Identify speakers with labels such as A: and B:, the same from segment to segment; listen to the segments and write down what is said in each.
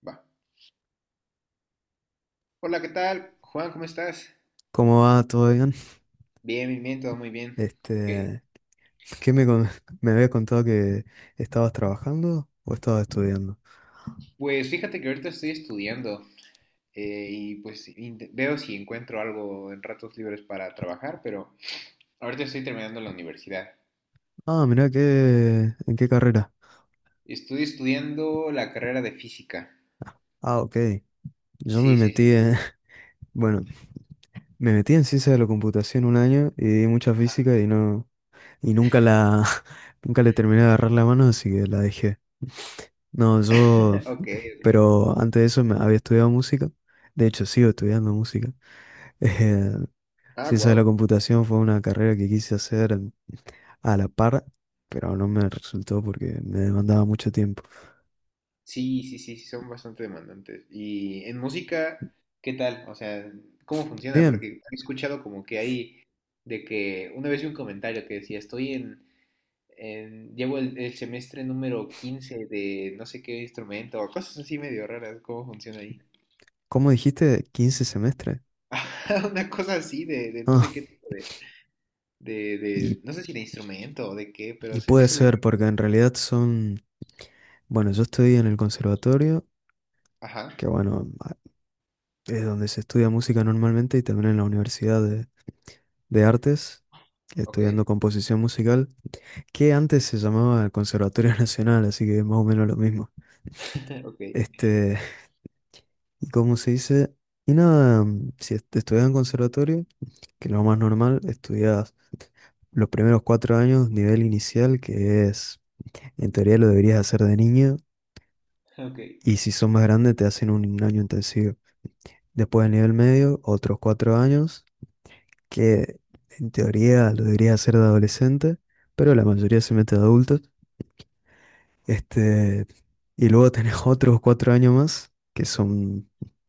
A: Va. Hola, ¿qué tal? Juan, ¿cómo estás?
B: ¿Cómo va? ¿Todo bien?
A: Bien, bien, bien, todo muy bien. Ok.
B: Este, ¿qué me, con- me habías contado que estabas trabajando o estabas estudiando?
A: Pues fíjate que ahorita estoy estudiando y pues veo si encuentro algo en ratos libres para trabajar, pero ahorita estoy terminando la universidad.
B: Ah, mirá, qué, ¿en qué carrera?
A: Estoy estudiando la carrera de física.
B: Ah, ok. Yo
A: Sí, sí, sí, sí, sí.
B: bueno, me metí en ciencia de la computación un año y di mucha física y no, y nunca la, nunca le terminé de agarrar la mano, así que la dejé. No,
A: Ok, ok.
B: pero antes de eso me había estudiado música. De hecho, sigo estudiando música.
A: Ah,
B: Ciencia de la
A: wow.
B: computación fue una carrera que quise hacer a la par, pero no me resultó porque me demandaba mucho tiempo.
A: Sí, sí, sí, sí, son bastante demandantes. Y en música, ¿qué tal? O sea, ¿cómo funciona? Porque
B: Bien,
A: he escuchado como que hay de que una vez vi un comentario que decía, estoy llevo el semestre número 15 de no sé qué instrumento, o cosas así medio raras, cómo funciona ahí.
B: ¿cómo dijiste? ¿15 semestres?
A: Una cosa así de no
B: Ah,
A: sé qué tipo de, de,
B: y,
A: de- no sé si de instrumento o de qué, pero
B: y
A: se me
B: puede
A: hizo bien.
B: ser porque en realidad son... Bueno, yo estudié en el conservatorio,
A: Ajá,
B: que bueno, es donde se estudia música normalmente, y también en la Universidad de Artes,
A: ok,
B: estudiando composición musical, que antes se llamaba el Conservatorio Nacional, así que es más o menos lo mismo.
A: ok,
B: Este, y como se dice, y nada, si estudias en conservatorio, que lo más normal, estudias los primeros 4 años, nivel inicial, que es, en teoría lo deberías hacer de niño,
A: ok,
B: y si son más grandes te hacen un año intensivo. Después del nivel medio, otros 4 años, que en teoría lo deberías hacer de adolescente, pero la mayoría se mete de adultos. Este, y luego tenés otros 4 años más, que son,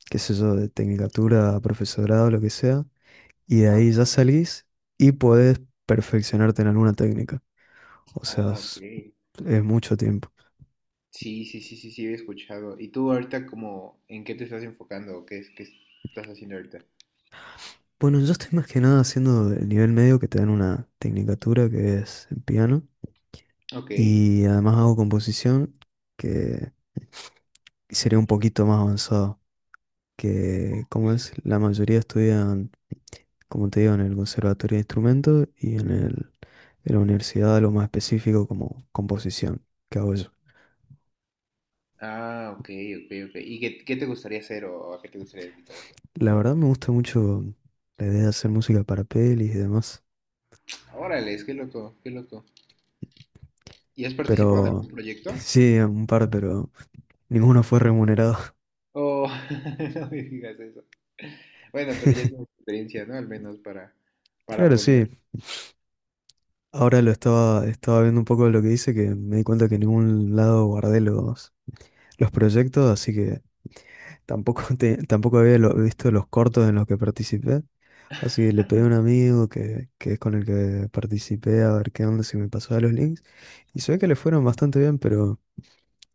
B: qué sé yo, de tecnicatura, profesorado, lo que sea, y de
A: ajá.
B: ahí ya salís y podés perfeccionarte en alguna técnica. O sea,
A: Ah, ok.
B: es mucho tiempo.
A: Sí, sí, sí, sí, sí, he escuchado. ¿Y tú ahorita como en qué te estás enfocando o qué, qué estás haciendo ahorita?
B: Bueno, yo estoy más que nada haciendo el nivel medio que te dan una tecnicatura que es en piano,
A: Ok.
B: y además hago composición que sería un poquito más avanzado, que
A: Ok.
B: como es, la mayoría estudian, como te digo, en el conservatorio de instrumentos y en el, en la universidad lo más específico como composición que hago yo.
A: Ah, ok, ok, ok. ¿Y qué, qué te gustaría hacer o a qué te gustaría dedicarte?
B: La verdad me gusta mucho la idea de hacer música para pelis y demás,
A: Órale, es que loco, qué loco. ¿Y has participado en
B: pero
A: algún proyecto?
B: sí, un par, pero ninguno fue remunerado.
A: Oh, no me digas eso. Bueno, pero ya tienes experiencia, ¿no? Al menos para
B: Claro,
A: poner.
B: sí. Ahora lo estaba viendo un poco de lo que dice, que me di cuenta que en ningún lado guardé los proyectos, así que tampoco, tampoco había visto los cortos en los que participé. Así que le pedí a un amigo que es con el que participé, a ver qué onda si me pasaba los links. Y se ve que le fueron bastante bien, pero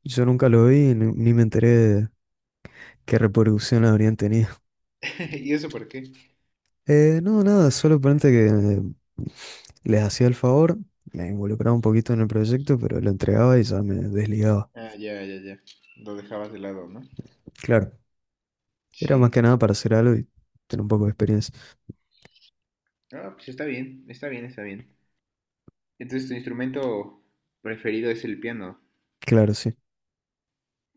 B: yo nunca lo vi, ni me enteré. ¿Qué reproducción habrían tenido?
A: ¿Y eso por qué?
B: No, nada, solo ponente que les hacía el favor, me involucraba un poquito en el proyecto, pero lo entregaba y ya me desligaba.
A: Ah, ya, ya, ya. Lo dejabas de lado, ¿no?
B: Claro, era más
A: Sí.
B: que nada para hacer algo y tener un poco de experiencia.
A: Ah, pues está bien, está bien, está bien. Entonces, tu instrumento preferido es el piano.
B: Claro, sí.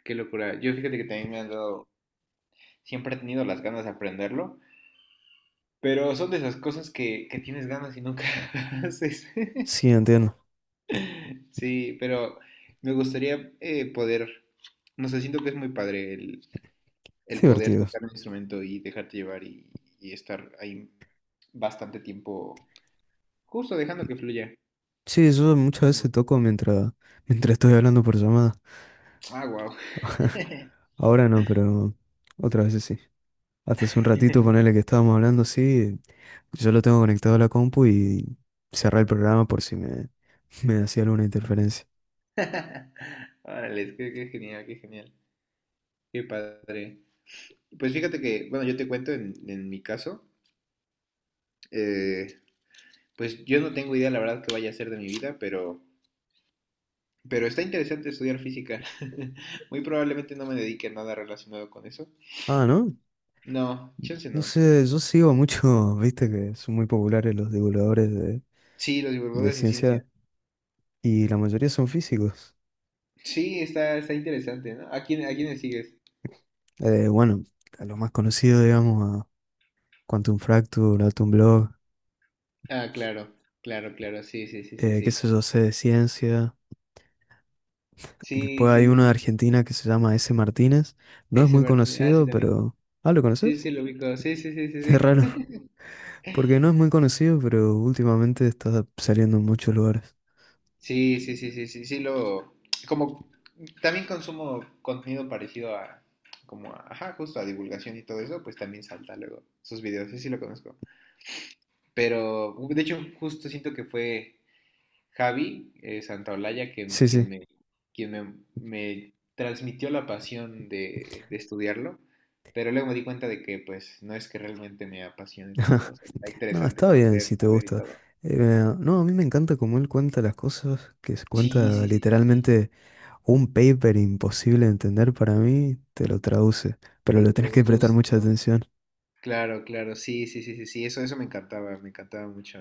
A: Qué locura. Yo fíjate que también me han dado, siempre he tenido las ganas de aprenderlo, pero son de esas cosas que tienes ganas y nunca haces.
B: Sí, entiendo.
A: Sí, pero me gustaría poder, no sé, siento que es muy padre
B: Es
A: el poder
B: divertido.
A: tocar un instrumento y dejarte llevar y estar ahí bastante tiempo, justo dejando que fluya.
B: Sí, yo muchas
A: Ujú.
B: veces toco mientras, mientras estoy hablando por llamada.
A: Ah, wow.
B: Ahora no, pero otras veces sí. Hasta hace un ratito, ponele que estábamos hablando así, yo lo tengo conectado a la compu y cerré el programa por si me, me hacía alguna interferencia.
A: Órale, qué, qué genial, qué genial, qué padre. Pues fíjate que, bueno, yo te cuento en mi caso, eh, pues yo no tengo idea, la verdad, qué vaya a ser de mi vida, pero está interesante estudiar física. Muy probablemente no me dedique a nada relacionado con eso.
B: Ah, ¿no?
A: No, chance
B: No
A: no.
B: sé, yo sigo mucho, viste que son muy populares los divulgadores de,
A: Sí, los
B: de
A: divulgadores de
B: ciencia,
A: ciencia.
B: y la mayoría son físicos.
A: Sí, está, está interesante, ¿no? ¿A quién, a quiénes sigues?
B: Bueno, a lo más conocido, digamos, a Quantum Fracture, Atom Blog,
A: Ah, claro, claro, claro. Sí, sí, sí, sí,
B: qué
A: sí.
B: sé yo, sé de ciencia.
A: Sí,
B: Después
A: sí,
B: hay uno de
A: sí.
B: Argentina que se llama S. Martínez. No es
A: Ese
B: muy
A: Martín. Ah, sí,
B: conocido,
A: también.
B: pero... Ah, ¿lo
A: Sí,
B: conoces?
A: sí, lo ubico. Sí, sí, sí, sí,
B: Qué
A: sí.
B: raro, porque no es muy conocido, pero últimamente está saliendo en muchos lugares.
A: Sí, sí, sí, sí, sí, sí, lo... Como también consumo contenido parecido a, como, ajá, justo a divulgación y todo eso, pues también salta luego sus videos. Sí, sí, lo conozco. Pero, de hecho, justo siento que fue Javi Santaolalla quien,
B: Sí,
A: quien
B: sí.
A: me, quien me, me transmitió la pasión de estudiarlo, pero luego me di cuenta de que, pues, no es que realmente me apasione tanto. O sea, está
B: No,
A: interesante
B: está bien
A: conocer,
B: si te
A: saber y
B: gusta.
A: todo.
B: Eh, no, a mí me encanta cómo él cuenta las cosas, que se
A: Sí,
B: cuenta
A: sí, sí, sí, sí,
B: literalmente un paper imposible de entender para mí, te lo traduce, pero
A: te
B: le
A: lo
B: tenés que
A: traduzco
B: prestar mucha
A: justo.
B: atención.
A: Claro, claro, sí, sí, sí, sí, sí, eso me encantaba mucho.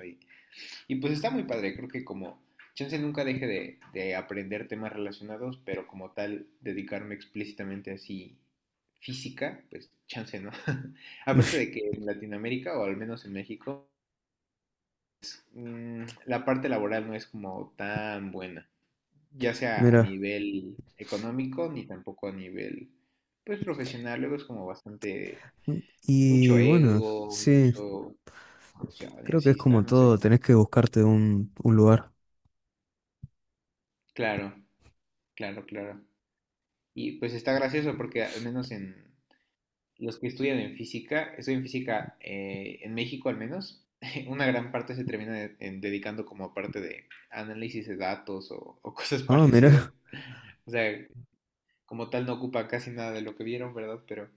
A: Y pues está muy padre, creo que como chance nunca deje de aprender temas relacionados, pero como tal, dedicarme explícitamente así física, pues chance, ¿no? Aparte de que en Latinoamérica, o al menos en México, la parte laboral no es como tan buena, ya sea a
B: Mira,
A: nivel económico ni tampoco a nivel, pues, profesional. Luego es como bastante, mucho
B: y bueno,
A: ego,
B: sí,
A: mucho corrupción y
B: creo que
A: así
B: es
A: está,
B: como
A: no
B: todo,
A: sé.
B: tenés que buscarte un lugar.
A: Claro, claro, claro. Y pues está gracioso porque al menos en los que estudian en física, estudian física en México al menos, una gran parte se termina dedicando como a parte de análisis de datos o cosas
B: Ah,
A: parecidas.
B: mira,
A: O sea, como tal no ocupa casi nada de lo que vieron, ¿verdad?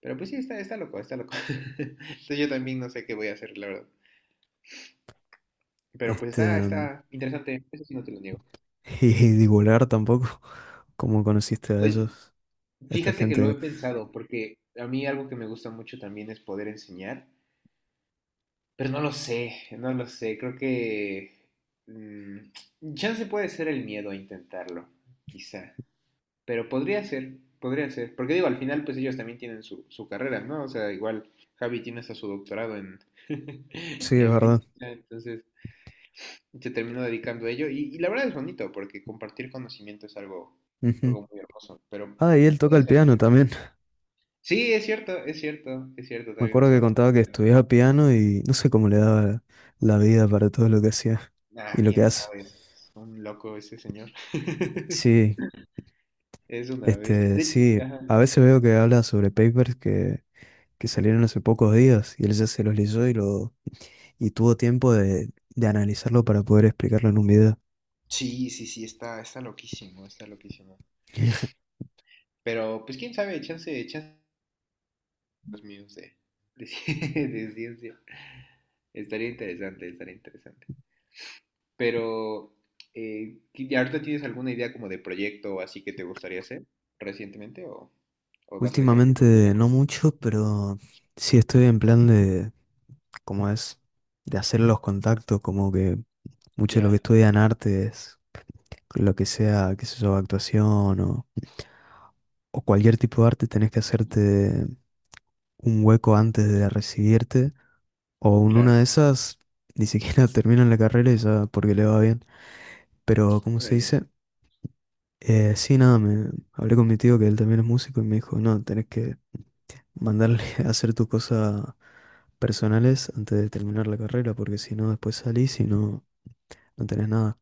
A: Pero pues sí, está, está loco, está loco. Entonces yo también no sé qué voy a hacer, la verdad. Pero pues
B: este,
A: está, está interesante, eso sí no te lo niego.
B: y divulgar tampoco, cómo conociste a
A: Pues
B: ellos, a esta
A: fíjate que
B: gente,
A: lo
B: digo.
A: he pensado, porque a mí algo que me gusta mucho también es poder enseñar. Pero no lo sé, no lo sé. Creo que. Chance puede ser el miedo a intentarlo, quizá. Pero podría ser, podría ser. Porque digo, al final, pues ellos también tienen su, su carrera, ¿no? O sea, igual Javi tiene hasta su doctorado en,
B: Sí, es
A: en
B: verdad.
A: física, entonces se terminó dedicando a ello. Y la verdad es bonito, porque compartir conocimiento es algo,
B: Ujú.
A: algo muy hermoso. Pero
B: Ah, y él toca
A: puede
B: el
A: ser.
B: piano
A: Sí.
B: también.
A: Sí, es cierto, es cierto, es cierto,
B: Me
A: también
B: acuerdo
A: es
B: que
A: bastante.
B: contaba que
A: Bueno.
B: estudiaba piano y no sé cómo le daba la vida para todo lo que hacía y
A: Ah,
B: lo que
A: quién
B: hace.
A: sabe, es un loco ese señor.
B: Sí,
A: Es una bestia.
B: este,
A: De-
B: sí,
A: Ajá.
B: a veces veo que habla sobre papers que salieron hace pocos días y él ya se los leyó, y tuvo tiempo de analizarlo para poder explicarlo en un video.
A: Sí, sí, sí, está, está loquísimo, está loquísimo. Pero, pues quién sabe, chance, chance los míos de de ciencia. Estaría interesante, estaría interesante. Pero, ¿y ahorita tienes alguna idea como de proyecto o así que te gustaría hacer recientemente o vas a dejar que fluya
B: Últimamente
A: la
B: no
A: cosa?
B: mucho, pero sí estoy en plan de, ¿cómo es? De hacer los contactos, como que mucho de lo que
A: Ya,
B: estudian artes, lo que sea, qué sé yo, actuación o cualquier tipo de arte, tenés que hacerte un hueco antes de recibirte, o en una de
A: claro.
B: esas ni siquiera terminan la carrera y ya porque le va bien. Pero, ¿cómo se
A: Órale.
B: dice? Sí, nada, me hablé con mi tío que él también es músico y me dijo, no, tenés que mandarle a hacer tus cosas personales antes de terminar la carrera, porque si no, después salís y no tenés nada.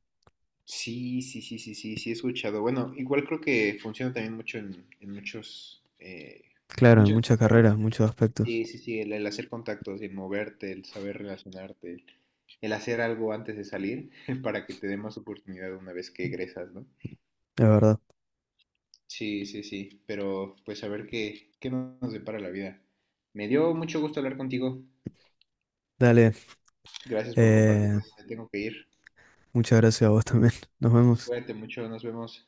A: Sí, sí, sí, sí, sí, sí, he escuchado. Bueno, igual creo que funciona también mucho en muchos, en
B: Claro, en
A: muchas
B: muchas
A: carreras.
B: carreras, muchos aspectos,
A: Sí, sí, sí, el hacer contactos, el moverte, el saber relacionarte, el hacer algo antes de salir para que te dé más oportunidad una vez que egresas, ¿no?
B: la verdad.
A: Sí, sí, sí, pero pues a ver qué, qué nos depara la vida. Me dio mucho gusto hablar contigo.
B: Dale,
A: Gracias por
B: eh,
A: compartirme. Me tengo que ir.
B: muchas gracias a vos también. Nos vemos.
A: Cuídate mucho, nos vemos.